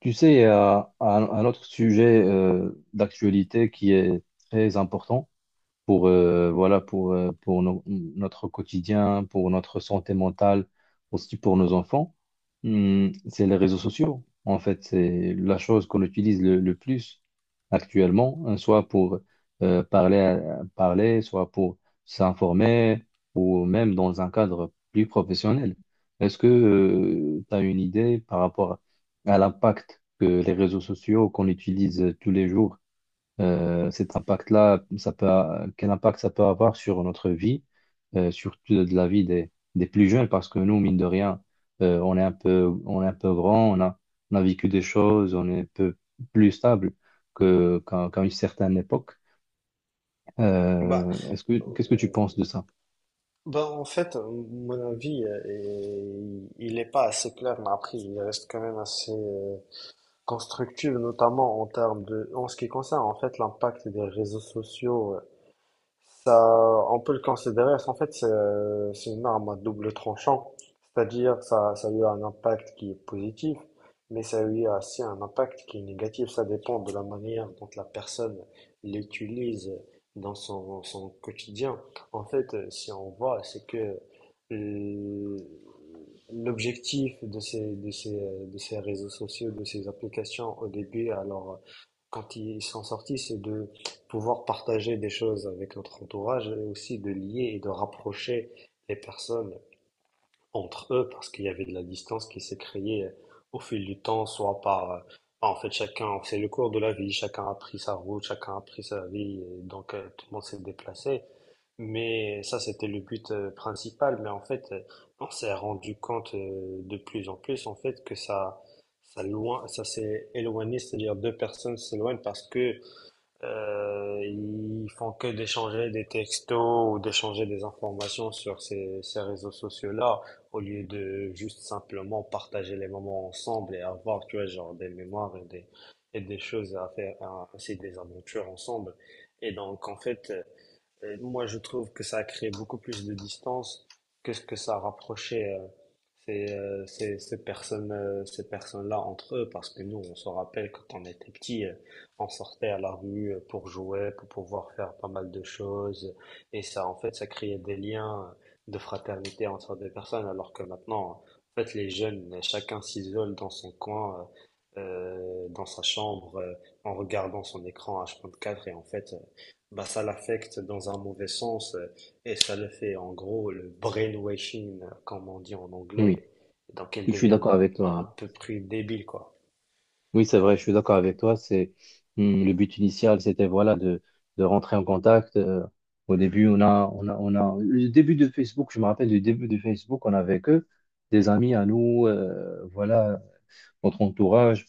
Tu sais, il y a un autre sujet d'actualité qui est très important pour voilà pour notre quotidien, pour notre santé mentale, aussi pour nos enfants. Hmm, c'est les réseaux sociaux. En fait, c'est la chose qu'on utilise le plus actuellement, hein, soit pour parler, soit pour s'informer ou même dans un cadre plus professionnel. Est-ce que tu as une idée par rapport à l'impact que les réseaux sociaux qu'on utilise tous les jours, cet impact-là, quel impact ça peut avoir sur notre vie, surtout de la vie des plus jeunes, parce que nous, mine de rien, on est un peu grand, on a vécu des choses, on est un peu plus stable qu'à une certaine époque. Bah, Qu'est-ce que tu euh, penses de ça? bah en fait, euh, mon avis, il n'est pas assez clair, mais après, il reste quand même assez constructif, notamment en ce qui concerne en fait l'impact des réseaux sociaux, ça, on peut le considérer, en fait, c'est une arme à double tranchant. C'est-à-dire, ça a eu un impact qui est positif, mais ça a eu aussi un impact qui est négatif. Ça dépend de la manière dont la personne l'utilise dans son quotidien. En fait, si on voit, c'est que euh, l'objectif de ces réseaux sociaux, de ces applications au début, alors, quand ils sont sortis, c'est de pouvoir partager des choses avec notre entourage et aussi de lier et de rapprocher les personnes entre eux parce qu'il y avait de la distance qui s'est créée au fil du temps, en fait, chacun, c'est le cours de la vie, chacun a pris sa route, chacun a pris sa vie, et donc tout le monde s'est déplacé. Mais ça, c'était le but principal. Mais en fait, on s'est rendu compte de plus en plus, en fait, que ça s'est éloigné, c'est-à-dire deux personnes s'éloignent parce que ils font que d'échanger des textos ou d'échanger des informations sur ces réseaux sociaux-là, au lieu de juste simplement partager les moments ensemble et avoir, tu vois, genre des mémoires et des choses à faire, c'est des aventures ensemble. Et donc, en fait, et moi, je trouve que ça a créé beaucoup plus de distance que ce que ça rapprochait ces personnes, ces personnes-là entre eux, parce que nous, on se rappelle quand on était petit, on sortait à la rue pour jouer, pour pouvoir faire pas mal de choses, et ça, en fait, ça créait des liens de fraternité entre des personnes, alors que maintenant, en fait, les jeunes, chacun s'isole dans son coin, dans sa chambre, en regardant son écran H24, et en fait, bah, ça l'affecte dans un mauvais sens et ça le fait en gros le brainwashing, comme on dit en Oui, anglais, donc elle je suis devient d'accord avec bah, toi. à peu près débile quoi. Oui, c'est vrai, je suis d'accord avec toi. C'est le but initial, c'était voilà de rentrer en contact. Au début, on a le début de Facebook. Je me rappelle du début de Facebook, on avait que des amis à nous, voilà notre entourage.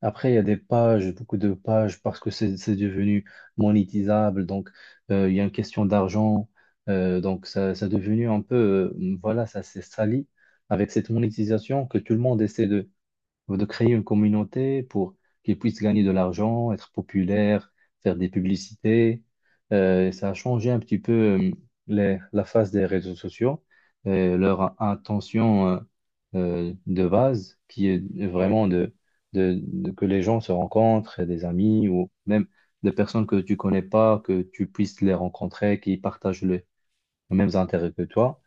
Après, il y a des pages, beaucoup de pages parce que c'est devenu monétisable. Donc, il y a une question d'argent. Donc, ça est devenu un peu, voilà, ça s'est sali avec cette monétisation que tout le monde essaie de créer une communauté pour qu'ils puissent gagner de l'argent, être populaires, faire des publicités. Ça a changé un petit peu la face des réseaux sociaux, leur intention de base, qui est Ouais, vraiment de, que les gens se rencontrent, et des amis ou même des personnes que tu connais pas, que tu puisses les rencontrer, qui partagent les mêmes intérêts que toi.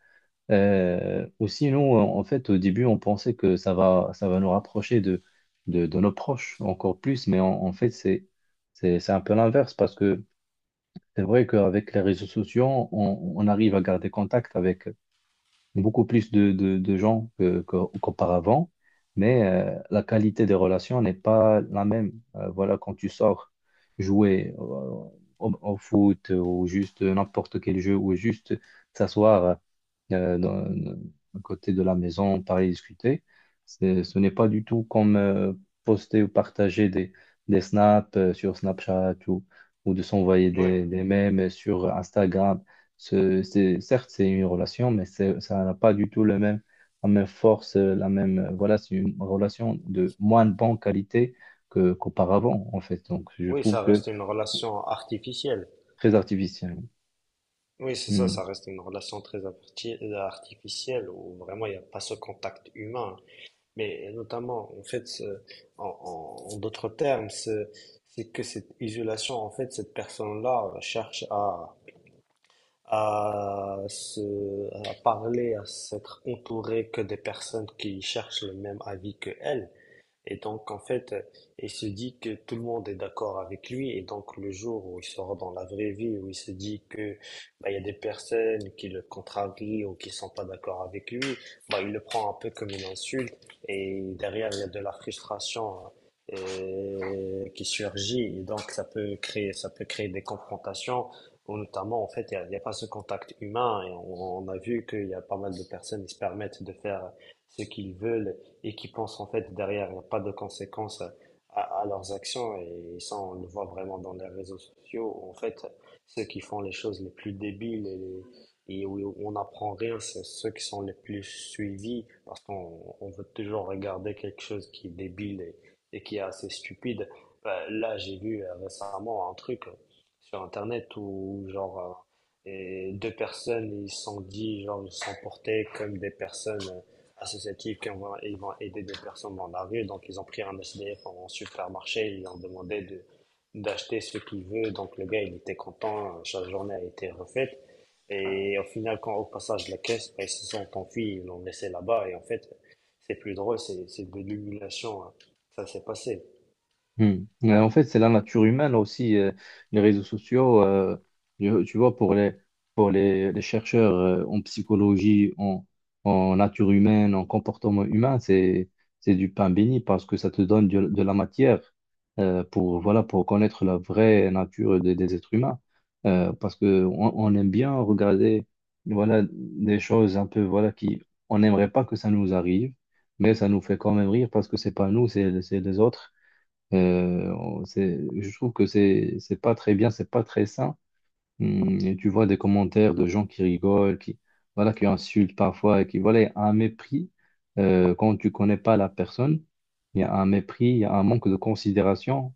Ou sinon, en fait, au début, on pensait que ça va nous rapprocher de nos proches encore plus, mais en fait, c'est un peu l'inverse parce que c'est vrai qu'avec les réseaux sociaux, on arrive à garder contact avec beaucoup plus de gens qu'auparavant, mais la qualité des relations n'est pas la même. Voilà, quand tu sors jouer au foot ou juste n'importe quel jeu ou juste s'asseoir euh, dans- à côté de la maison, parler, discuter. Ce n'est pas du tout comme poster ou partager des snaps sur Snapchat ou de s'envoyer ouais. Des mèmes sur Instagram. C'est, certes, c'est une relation, mais ça n'a pas du tout le même, la même force, la même, voilà, c'est une relation de moins bonne qualité qu'auparavant, en fait. Donc, je Oui, trouve ça que reste une relation artificielle. très artificiel. Oui, c'est ça, Hmm. ça reste une relation très artificielle où vraiment il n'y a pas ce contact humain. Mais notamment, en fait, en d'autres termes, c'est que cette isolation, en fait, cette personne-là cherche à, se, à parler, à s'être entouré que des personnes qui cherchent le même avis que elle. Et donc, en fait, il se dit que tout le monde est d'accord avec lui. Et donc, le jour où il sort dans la vraie vie, où il se dit que bah, il y a des personnes qui le contrarient ou qui sont pas d'accord avec lui, bah, il le prend un peu comme une insulte. Et derrière, il y a de la frustration qui surgit. Et donc, ça peut créer des confrontations. Ou notamment, en fait, il y a pas ce contact humain. Et on a vu qu'il y a pas mal de personnes qui se permettent de faire ce qu'ils veulent et qui pensent en fait derrière, il n'y a pas de conséquences à leurs actions. Et ça, on le voit vraiment dans les réseaux sociaux. Où, En fait, ceux qui font les choses les plus débiles et où on n'apprend rien, c'est ceux qui sont les plus suivis parce qu'on on veut toujours regarder quelque chose qui est débile et qui est assez stupide. Ben, là, j'ai vu récemment un truc sur Internet où genre deux personnes, ils se sont portés comme des personnes associatifs ils vont aider des personnes dans la rue. Donc, ils ont pris un SDF en supermarché, ils lui ont demandé d'acheter ce qu'il veut. Donc, le gars, il était content, chaque journée a été refaite. Et au final, quand au passage de la caisse, ben, ils se sont enfuis, ils l'ont laissé là-bas. Et en fait, c'est plus drôle, c'est de l'humiliation, hein. Ça s'est passé. Hmm. En fait, c'est la nature humaine aussi, les réseaux sociaux. Tu vois, pour les, pour les chercheurs en psychologie, en nature humaine, en comportement humain, c'est du pain béni parce que ça te donne de la matière pour, voilà, pour connaître la vraie nature des êtres humains. Parce que on aime bien regarder, voilà, des choses un peu, voilà, qui, on n'aimerait pas que ça nous arrive, mais ça nous fait quand même rire parce que c'est pas nous, c'est les autres. Je trouve que c'est pas très bien, c'est pas très sain. Et tu vois des commentaires de gens qui rigolent, qui voilà, qui insultent parfois, et qui voilà, il y a un mépris quand tu connais pas la personne. Il y a un mépris, il y a un manque de considération,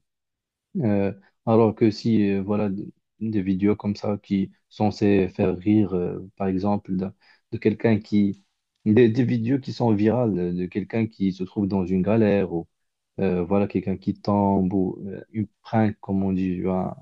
euh, alors que si, voilà, des vidéos comme ça qui sont censées faire rire, par exemple, quelqu'un qui... Des vidéos qui sont virales, de quelqu'un qui se trouve dans une galère, ou voilà, quelqu'un qui tombe, ou une prank, comme on dit, un-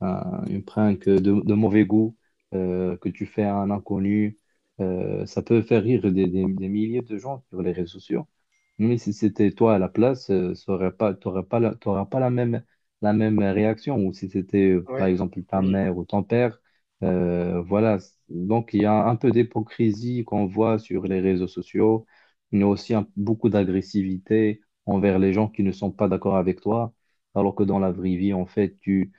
un- une prank de mauvais goût, que tu fais à un inconnu, ça peut faire rire des milliers de gens sur les réseaux sociaux. Mais si c'était toi à la place, ça aurait pas, t'aurais pas la, t'auras pas la même, la même réaction. Ou si c'était, Oui, par exemple, ta oui, mère ou ton père, voilà. Donc, il y a un peu d'hypocrisie qu'on voit sur les réseaux sociaux, mais aussi beaucoup d'agressivité envers les gens qui ne sont pas d'accord avec toi. Alors que dans la vraie vie, en fait, tu,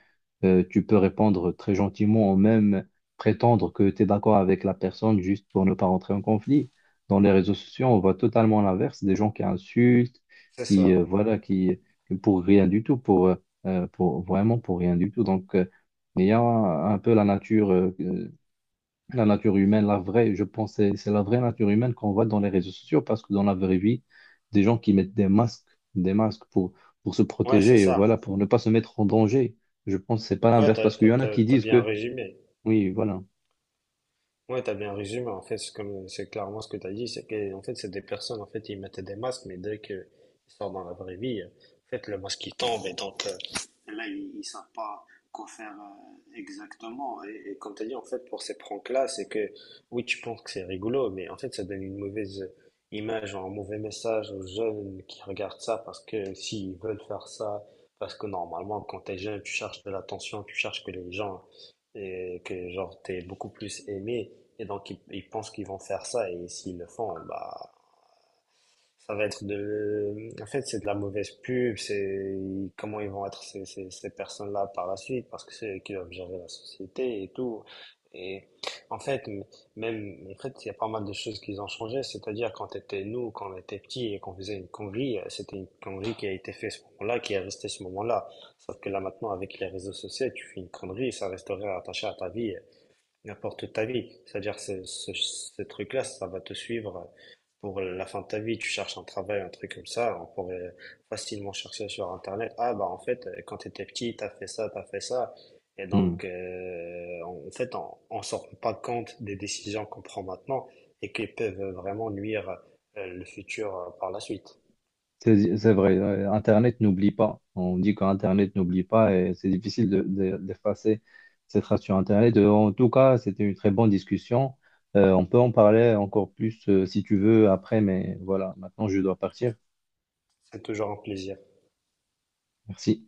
euh, tu peux répondre très gentiment ou même prétendre que tu es d'accord avec la personne juste pour ne pas rentrer en conflit. Dans les réseaux sociaux, on voit totalement l'inverse, des gens qui insultent, c'est qui, ça. euh, voilà, qui, qui pour rien du tout, pour, vraiment pour rien du tout. Donc, il y a un peu la nature humaine, la vraie, je pense, c'est la vraie nature humaine qu'on voit dans les réseaux sociaux, parce que dans la vraie vie, des gens qui mettent des masques pour se Ouais, c'est protéger, voilà, ça. pour ne pas se mettre en danger. Je pense que c'est pas Ouais, l'inverse, parce qu'il y en a qui t'as disent bien que, résumé. oui, voilà. Ouais, t'as bien résumé. En fait, c'est comme, c'est clairement ce que t'as dit. C'est que, en fait, c'est des personnes, en fait, ils mettaient des masques, mais dès qu'ils sortent dans la vraie vie, en fait, le masque, il tombe, et donc, là, ils savent pas quoi faire, exactement. Et comme t'as dit, en fait, pour ces pranks-là, c'est que, oui, tu penses que c'est rigolo, mais en fait, ça donne une mauvaise image, un mauvais message aux jeunes qui regardent ça, parce que s'ils veulent faire ça, parce que normalement, quand t'es jeune, tu cherches de l'attention, tu cherches que les gens, et que, genre, t'es beaucoup plus aimé, et donc, ils pensent qu'ils vont faire ça, et s'ils le font, bah, ça va être de... En fait, c'est de la mauvaise pub, c'est comment ils vont être ces personnes-là par la suite, parce que c'est eux qui doivent gérer la société et tout. Et en fait, même, en fait, il y a pas mal de choses qui ont changé, c'est-à-dire quand était nous, quand on était petits et qu'on faisait une connerie, c'était une connerie qui a été faite ce moment-là, qui est restée ce moment-là. Sauf que là, maintenant, avec les réseaux sociaux, tu fais une connerie, ça resterait attaché à ta vie, n'importe toute ta vie. C'est-à-dire ce truc-là, ça va te suivre pour la fin de ta vie. Tu cherches un travail, un truc comme ça, on pourrait facilement chercher sur Internet. Ah bah en fait, quand tu étais petit, t'as fait ça, t'as fait ça. Et Hmm. donc, en en fait, on s'en rend pas compte des décisions qu'on prend maintenant et qui peuvent vraiment nuire le futur par la suite. C'est vrai, Internet n'oublie pas. On dit qu'Internet n'oublie pas et c'est difficile de, d'effacer cette trace sur Internet. En tout cas, c'était une très bonne discussion. On peut en parler encore plus si tu veux après, mais voilà, maintenant je dois partir. C'est toujours un plaisir. Merci.